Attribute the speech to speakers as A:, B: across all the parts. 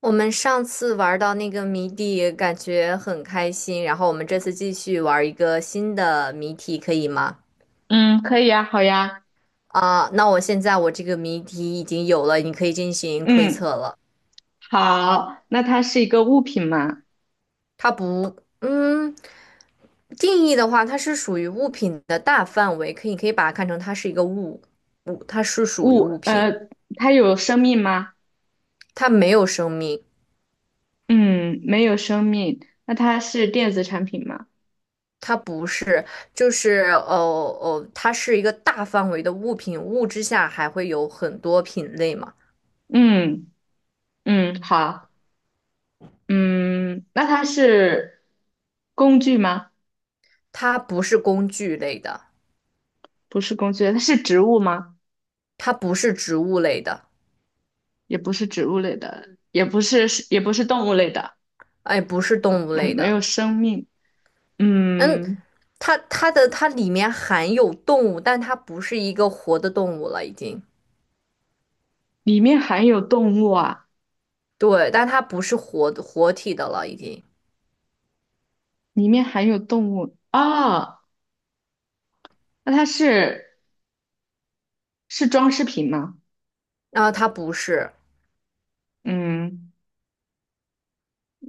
A: 我们上次玩到那个谜底，感觉很开心，然后我们这次继续玩一个新的谜题，可以吗？
B: 嗯，可以呀，好呀，
A: 啊、那我现在这个谜题已经有了，你可以进行推
B: 嗯，
A: 测了。
B: 好，那它是一个物品吗？
A: 它不，嗯，定义的话，它是属于物品的大范围，可以把它看成它是一个物，它是属于
B: 物，
A: 物品，
B: 它有生命吗？
A: 它没有生命，
B: 嗯，没有生命。那它是电子产品吗？
A: 它不是，就是它是一个大范围的物品，物之下还会有很多品类嘛。
B: 嗯嗯，好，嗯，那它是工具吗？
A: 它不是工具类的，
B: 不是工具，它是植物吗？
A: 它不是植物类的，
B: 也不是植物类的，也不是，也不是动物类的。
A: 哎，不是动物类
B: 嗯，没
A: 的。
B: 有生命。
A: 嗯，
B: 嗯，
A: 它里面含有动物，但它不是一个活的动物了，已经。
B: 里面含有动物啊，
A: 对，但它不是活体的了，已经。
B: 里面含有动物啊，那它是。是装饰品吗？
A: 啊，它不是
B: 嗯，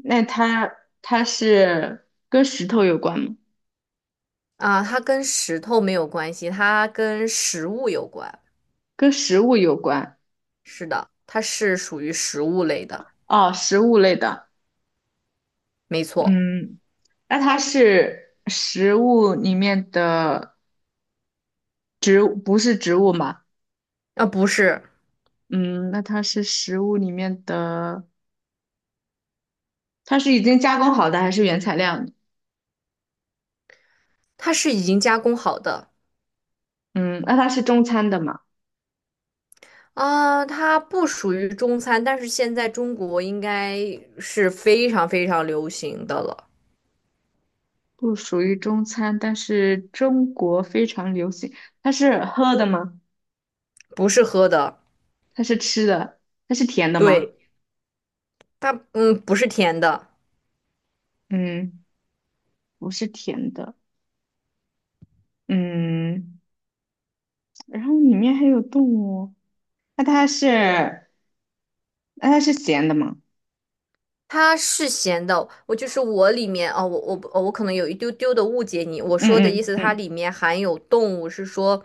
B: 那它是跟石头有关吗？
A: 啊，它跟石头没有关系，它跟食物有关。
B: 跟食物有关？
A: 是的，它是属于食物类的，
B: 哦，食物类的。
A: 没错。
B: 嗯，那它是食物里面的植物，不是植物嘛？
A: 啊，不是，
B: 嗯，那它是食物里面的，它是已经加工好的还是原材料呢？
A: 它是已经加工好的，
B: 嗯，那它是中餐的嘛？
A: 啊，它不属于中餐，但是现在中国应该是非常非常流行的了，
B: 不属于中餐，但是中国非常流行。它是喝的吗？
A: 不是喝的，
B: 它是吃的？它是甜的吗？
A: 对，它不是甜的，
B: 嗯。不是甜的，嗯，然后里面还有动物，那它是那它是咸的吗？
A: 它是咸的。我就是我里面哦，我可能有一丢丢的误解你，我
B: 嗯
A: 说的意
B: 嗯
A: 思它
B: 嗯，
A: 里面含有动物，是说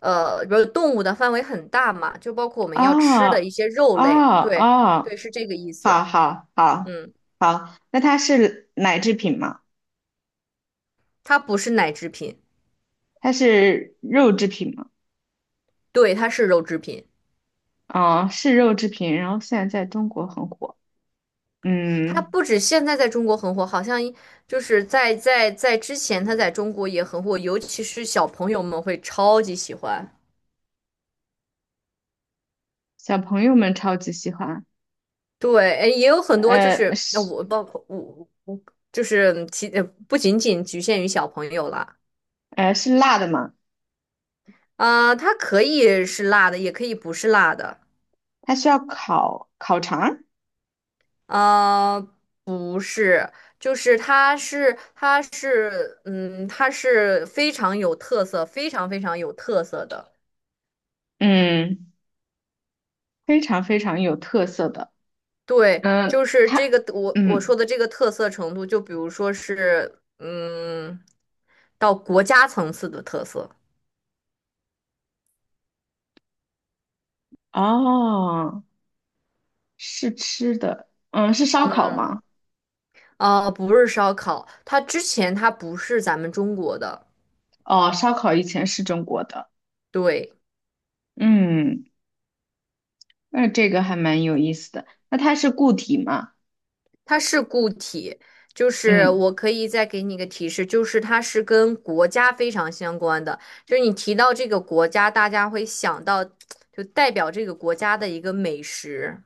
A: 比如动物的范围很大嘛，就包括我们要吃的
B: 哦
A: 一些
B: 哦
A: 肉类，对
B: 哦，
A: 对，是这个意思，
B: 好好好
A: 嗯，
B: 好，那它是奶制品吗？
A: 它不是奶制品，
B: 它是肉制品吗？
A: 对，它是肉制品。
B: 哦，是肉制品，然后现在在中国很火，
A: 它
B: 嗯，
A: 不止现在在中国很火，好像一就是在在在之前它在中国也很火，尤其是小朋友们会超级喜欢。
B: 小朋友们超级喜欢，
A: 对，哎，也有很多就
B: 呃
A: 是呃
B: 是
A: 我包括我我就是不仅仅局限于小朋友啦，
B: 是辣的吗？
A: 啊、它可以是辣的，也可以不是辣的，
B: 它需要烤烤肠儿
A: 啊、不是，就是它是非常有特色，非常非常有特色的。
B: 嗯，非常非常有特色的。
A: 对，
B: 嗯，
A: 就是这
B: 它，
A: 个我
B: 嗯，
A: 说的这个特色程度，就比如说是，嗯，到国家层次的特色，
B: 哦，是吃的，嗯，是烧烤
A: 嗯，
B: 吗？
A: 不是烧烤，它之前它不是咱们中国的，
B: 哦，烧烤以前是中国的，
A: 对，
B: 嗯，那这个还蛮有意思的。那它是固体吗？
A: 它是固体，就是
B: 嗯，
A: 我可以再给你一个提示，就是它是跟国家非常相关的，就是你提到这个国家，大家会想到就代表这个国家的一个美食，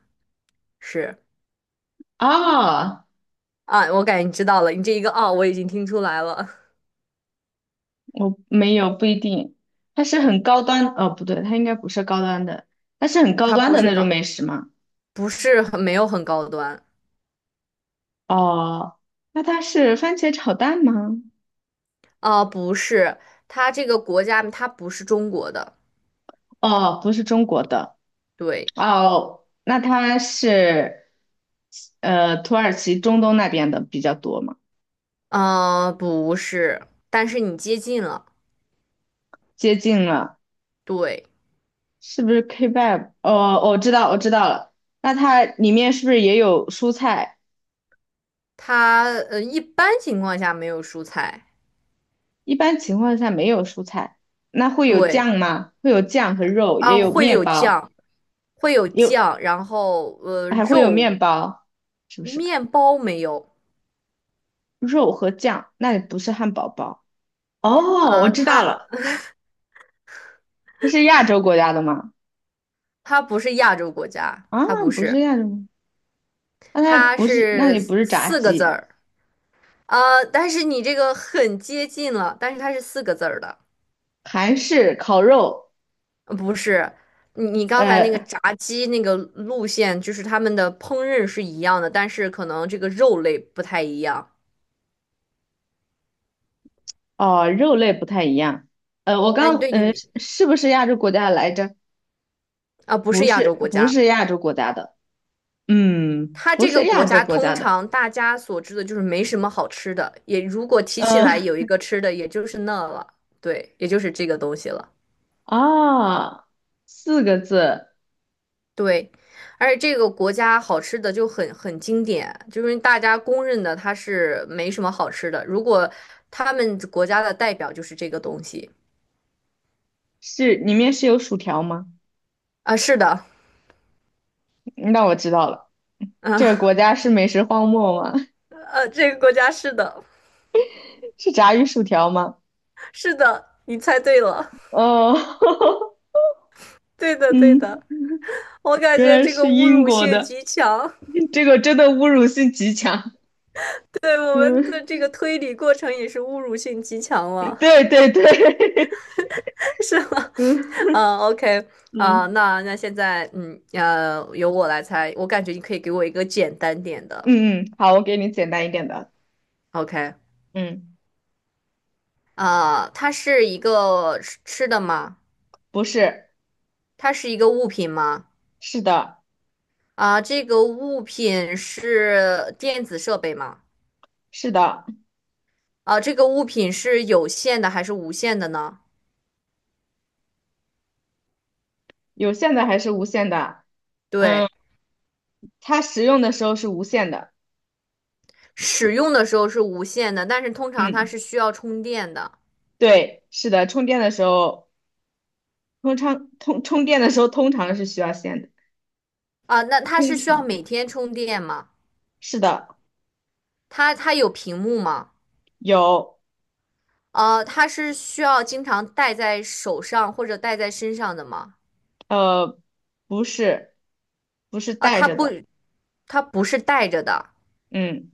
A: 是
B: 哦，
A: 啊，我感觉你知道了，你这一个哦，我已经听出来了。
B: 我没有，不一定。它应该不是高端的，它是很
A: 嗯
B: 高
A: 它
B: 端
A: 不
B: 的
A: 是
B: 那种
A: 高，
B: 美食吗？
A: 不是很没有很高端。
B: 哦，那它是番茄炒蛋吗？
A: 啊、不是，它这个国家它不是中国的，
B: 哦，不是中国的。
A: 对，
B: 哦，那它是土耳其中东那边的比较多嘛，
A: 啊，不是，但是你接近了，
B: 接近了，
A: 对，
B: 是不是 kebab？哦，我知道，我知道了。那它里面是不是也有蔬菜？
A: 它一般情况下没有蔬菜，
B: 一般情况下没有蔬菜，那会有
A: 对，
B: 酱吗？会有酱和肉，也
A: 啊、
B: 有
A: 会
B: 面
A: 有
B: 包，
A: 酱，会有
B: 有
A: 酱，然后
B: 还会有
A: 肉，
B: 面包，是不是？
A: 面包没有。
B: 肉和酱，那里不是汉堡包。哦，我
A: 啊、
B: 知道
A: 它
B: 了，它是亚洲国家的吗？
A: 它不是亚洲国家，
B: 啊，
A: 它不
B: 不
A: 是，
B: 是亚洲吗？那它
A: 它
B: 不是，那
A: 是
B: 里不
A: 四
B: 是炸
A: 四个字
B: 鸡。
A: 儿。但是你这个很接近了，但是它是四个字儿的，
B: 韩式烤肉，
A: 不是。你刚才那个
B: 呃，
A: 炸鸡那个路线，就是他们的烹饪是一样的，但是可能这个肉类不太一样。
B: 哦，肉类不太一样。
A: 但对你
B: 是是不是亚洲国家来着？
A: 啊，不
B: 不
A: 是亚
B: 是，
A: 洲国
B: 不
A: 家，
B: 是亚洲国家的，嗯，
A: 它
B: 不
A: 这
B: 是
A: 个国
B: 亚洲
A: 家
B: 国家
A: 通
B: 的，
A: 常大家所知的就是没什么好吃的，也如果提起
B: 呃，
A: 来有一个吃的，也就是那了，对，也就是这个东西了。
B: 啊，四个字
A: 对，而且这个国家好吃的就很经典，就是大家公认的它是没什么好吃的。如果他们国家的代表就是这个东西，
B: 是里面是有薯条吗？
A: 啊，是的，
B: 那我知道了，这个
A: 啊，
B: 国家是美食荒漠吗？
A: 这个国家是的，
B: 是炸鱼薯条吗？
A: 是的，你猜对了，
B: 哦，
A: 对 的对
B: 嗯，
A: 的，我感
B: 原
A: 觉
B: 来
A: 这个
B: 是
A: 侮
B: 英
A: 辱
B: 国
A: 性
B: 的，
A: 极强，
B: 这个真的侮辱性极强。
A: 对我们
B: 嗯，
A: 的这个推理过程也是侮辱性极强了，
B: 对对对，
A: 是吗？
B: 嗯，
A: 啊，OK。啊，
B: 嗯
A: 那那现在，嗯，由我来猜，我感觉你可以给我一个简单点的。
B: 嗯嗯，好，我给你简单一点的。
A: ？OK，
B: 嗯，
A: 它是一个吃的吗？
B: 不是，
A: 它是一个物品吗？
B: 是的，
A: 啊、这个物品是电子设备吗？
B: 是的，
A: 啊、这个物品是有线的还是无线的呢？
B: 有线的还是无线的？嗯，
A: 对，
B: 它使用的时候是无线的。
A: 使用的时候是无线的，但是通常它
B: 嗯，
A: 是需要充电的。
B: 对，是的，充电的时候，通常充电的时候通常是需要线的，
A: 啊、那它
B: 通
A: 是需要
B: 常
A: 每天充电吗？
B: 是的，
A: 它有屏幕吗？
B: 有，
A: 它是需要经常戴在手上或者戴在身上的吗？
B: 呃，不是，不是
A: 啊、
B: 带
A: 它
B: 着
A: 不，
B: 的。
A: 它不是戴着的。
B: 嗯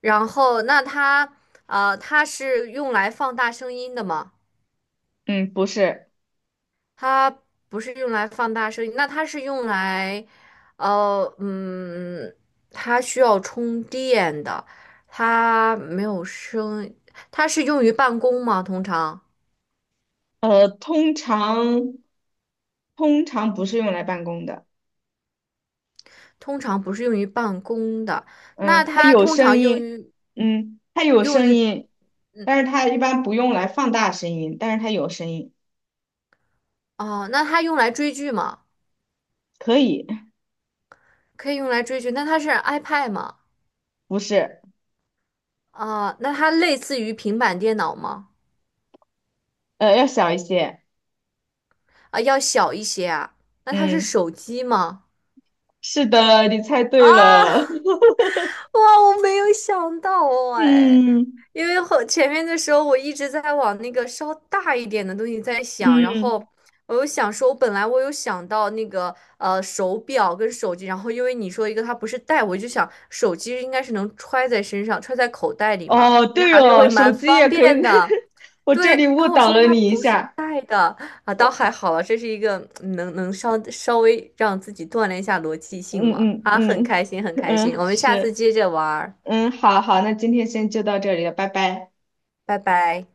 A: 然后那它它是用来放大声音的吗？
B: 嗯，不是，
A: 它不是用来放大声音，那它是用来呃嗯，它需要充电的，它没有声，它是用于办公吗？通常
B: 呃，通常通常不是用来办公的。
A: 通常不是用于办公的，那
B: 嗯，它
A: 它
B: 有
A: 通
B: 声
A: 常用
B: 音，
A: 于
B: 嗯，它有
A: 用
B: 声
A: 于
B: 音，但是它一般不用来放大声音，但是它有声音，
A: 哦、那它用来追剧吗？
B: 可以，
A: 可以用来追剧，那它是 iPad 吗？
B: 不是，
A: 啊、那它类似于平板电脑吗？
B: 要小一些，
A: 啊，要小一些啊？那它是
B: 嗯，
A: 手机吗？
B: 是的，你猜对了，
A: 啊，哇，我没有想到哦，哎，
B: 嗯
A: 因为前面的时候我一直在往那个稍大一点的东西在想，然
B: 嗯，
A: 后我本来有想到那个手表跟手机，然后因为你说一个它不是带，我就想手机应该是能揣在身上，揣在口袋里嘛，
B: 哦，
A: 应该
B: 对
A: 还是
B: 哦，
A: 会
B: 手
A: 蛮
B: 机
A: 方
B: 也可以，
A: 便的。
B: 我这
A: 对，
B: 里
A: 然
B: 误
A: 后我
B: 导
A: 说
B: 了
A: 它
B: 你一
A: 不是
B: 下，
A: 带的啊，倒还好了，这是一个能稍稍微让自己锻炼一下逻辑性吗？
B: 嗯嗯
A: 啊，很
B: 嗯
A: 开心，很开心，
B: 嗯，
A: 我们下次
B: 是，
A: 接着玩儿，
B: 嗯，好好，那今天先就到这里了，拜拜。
A: 拜拜。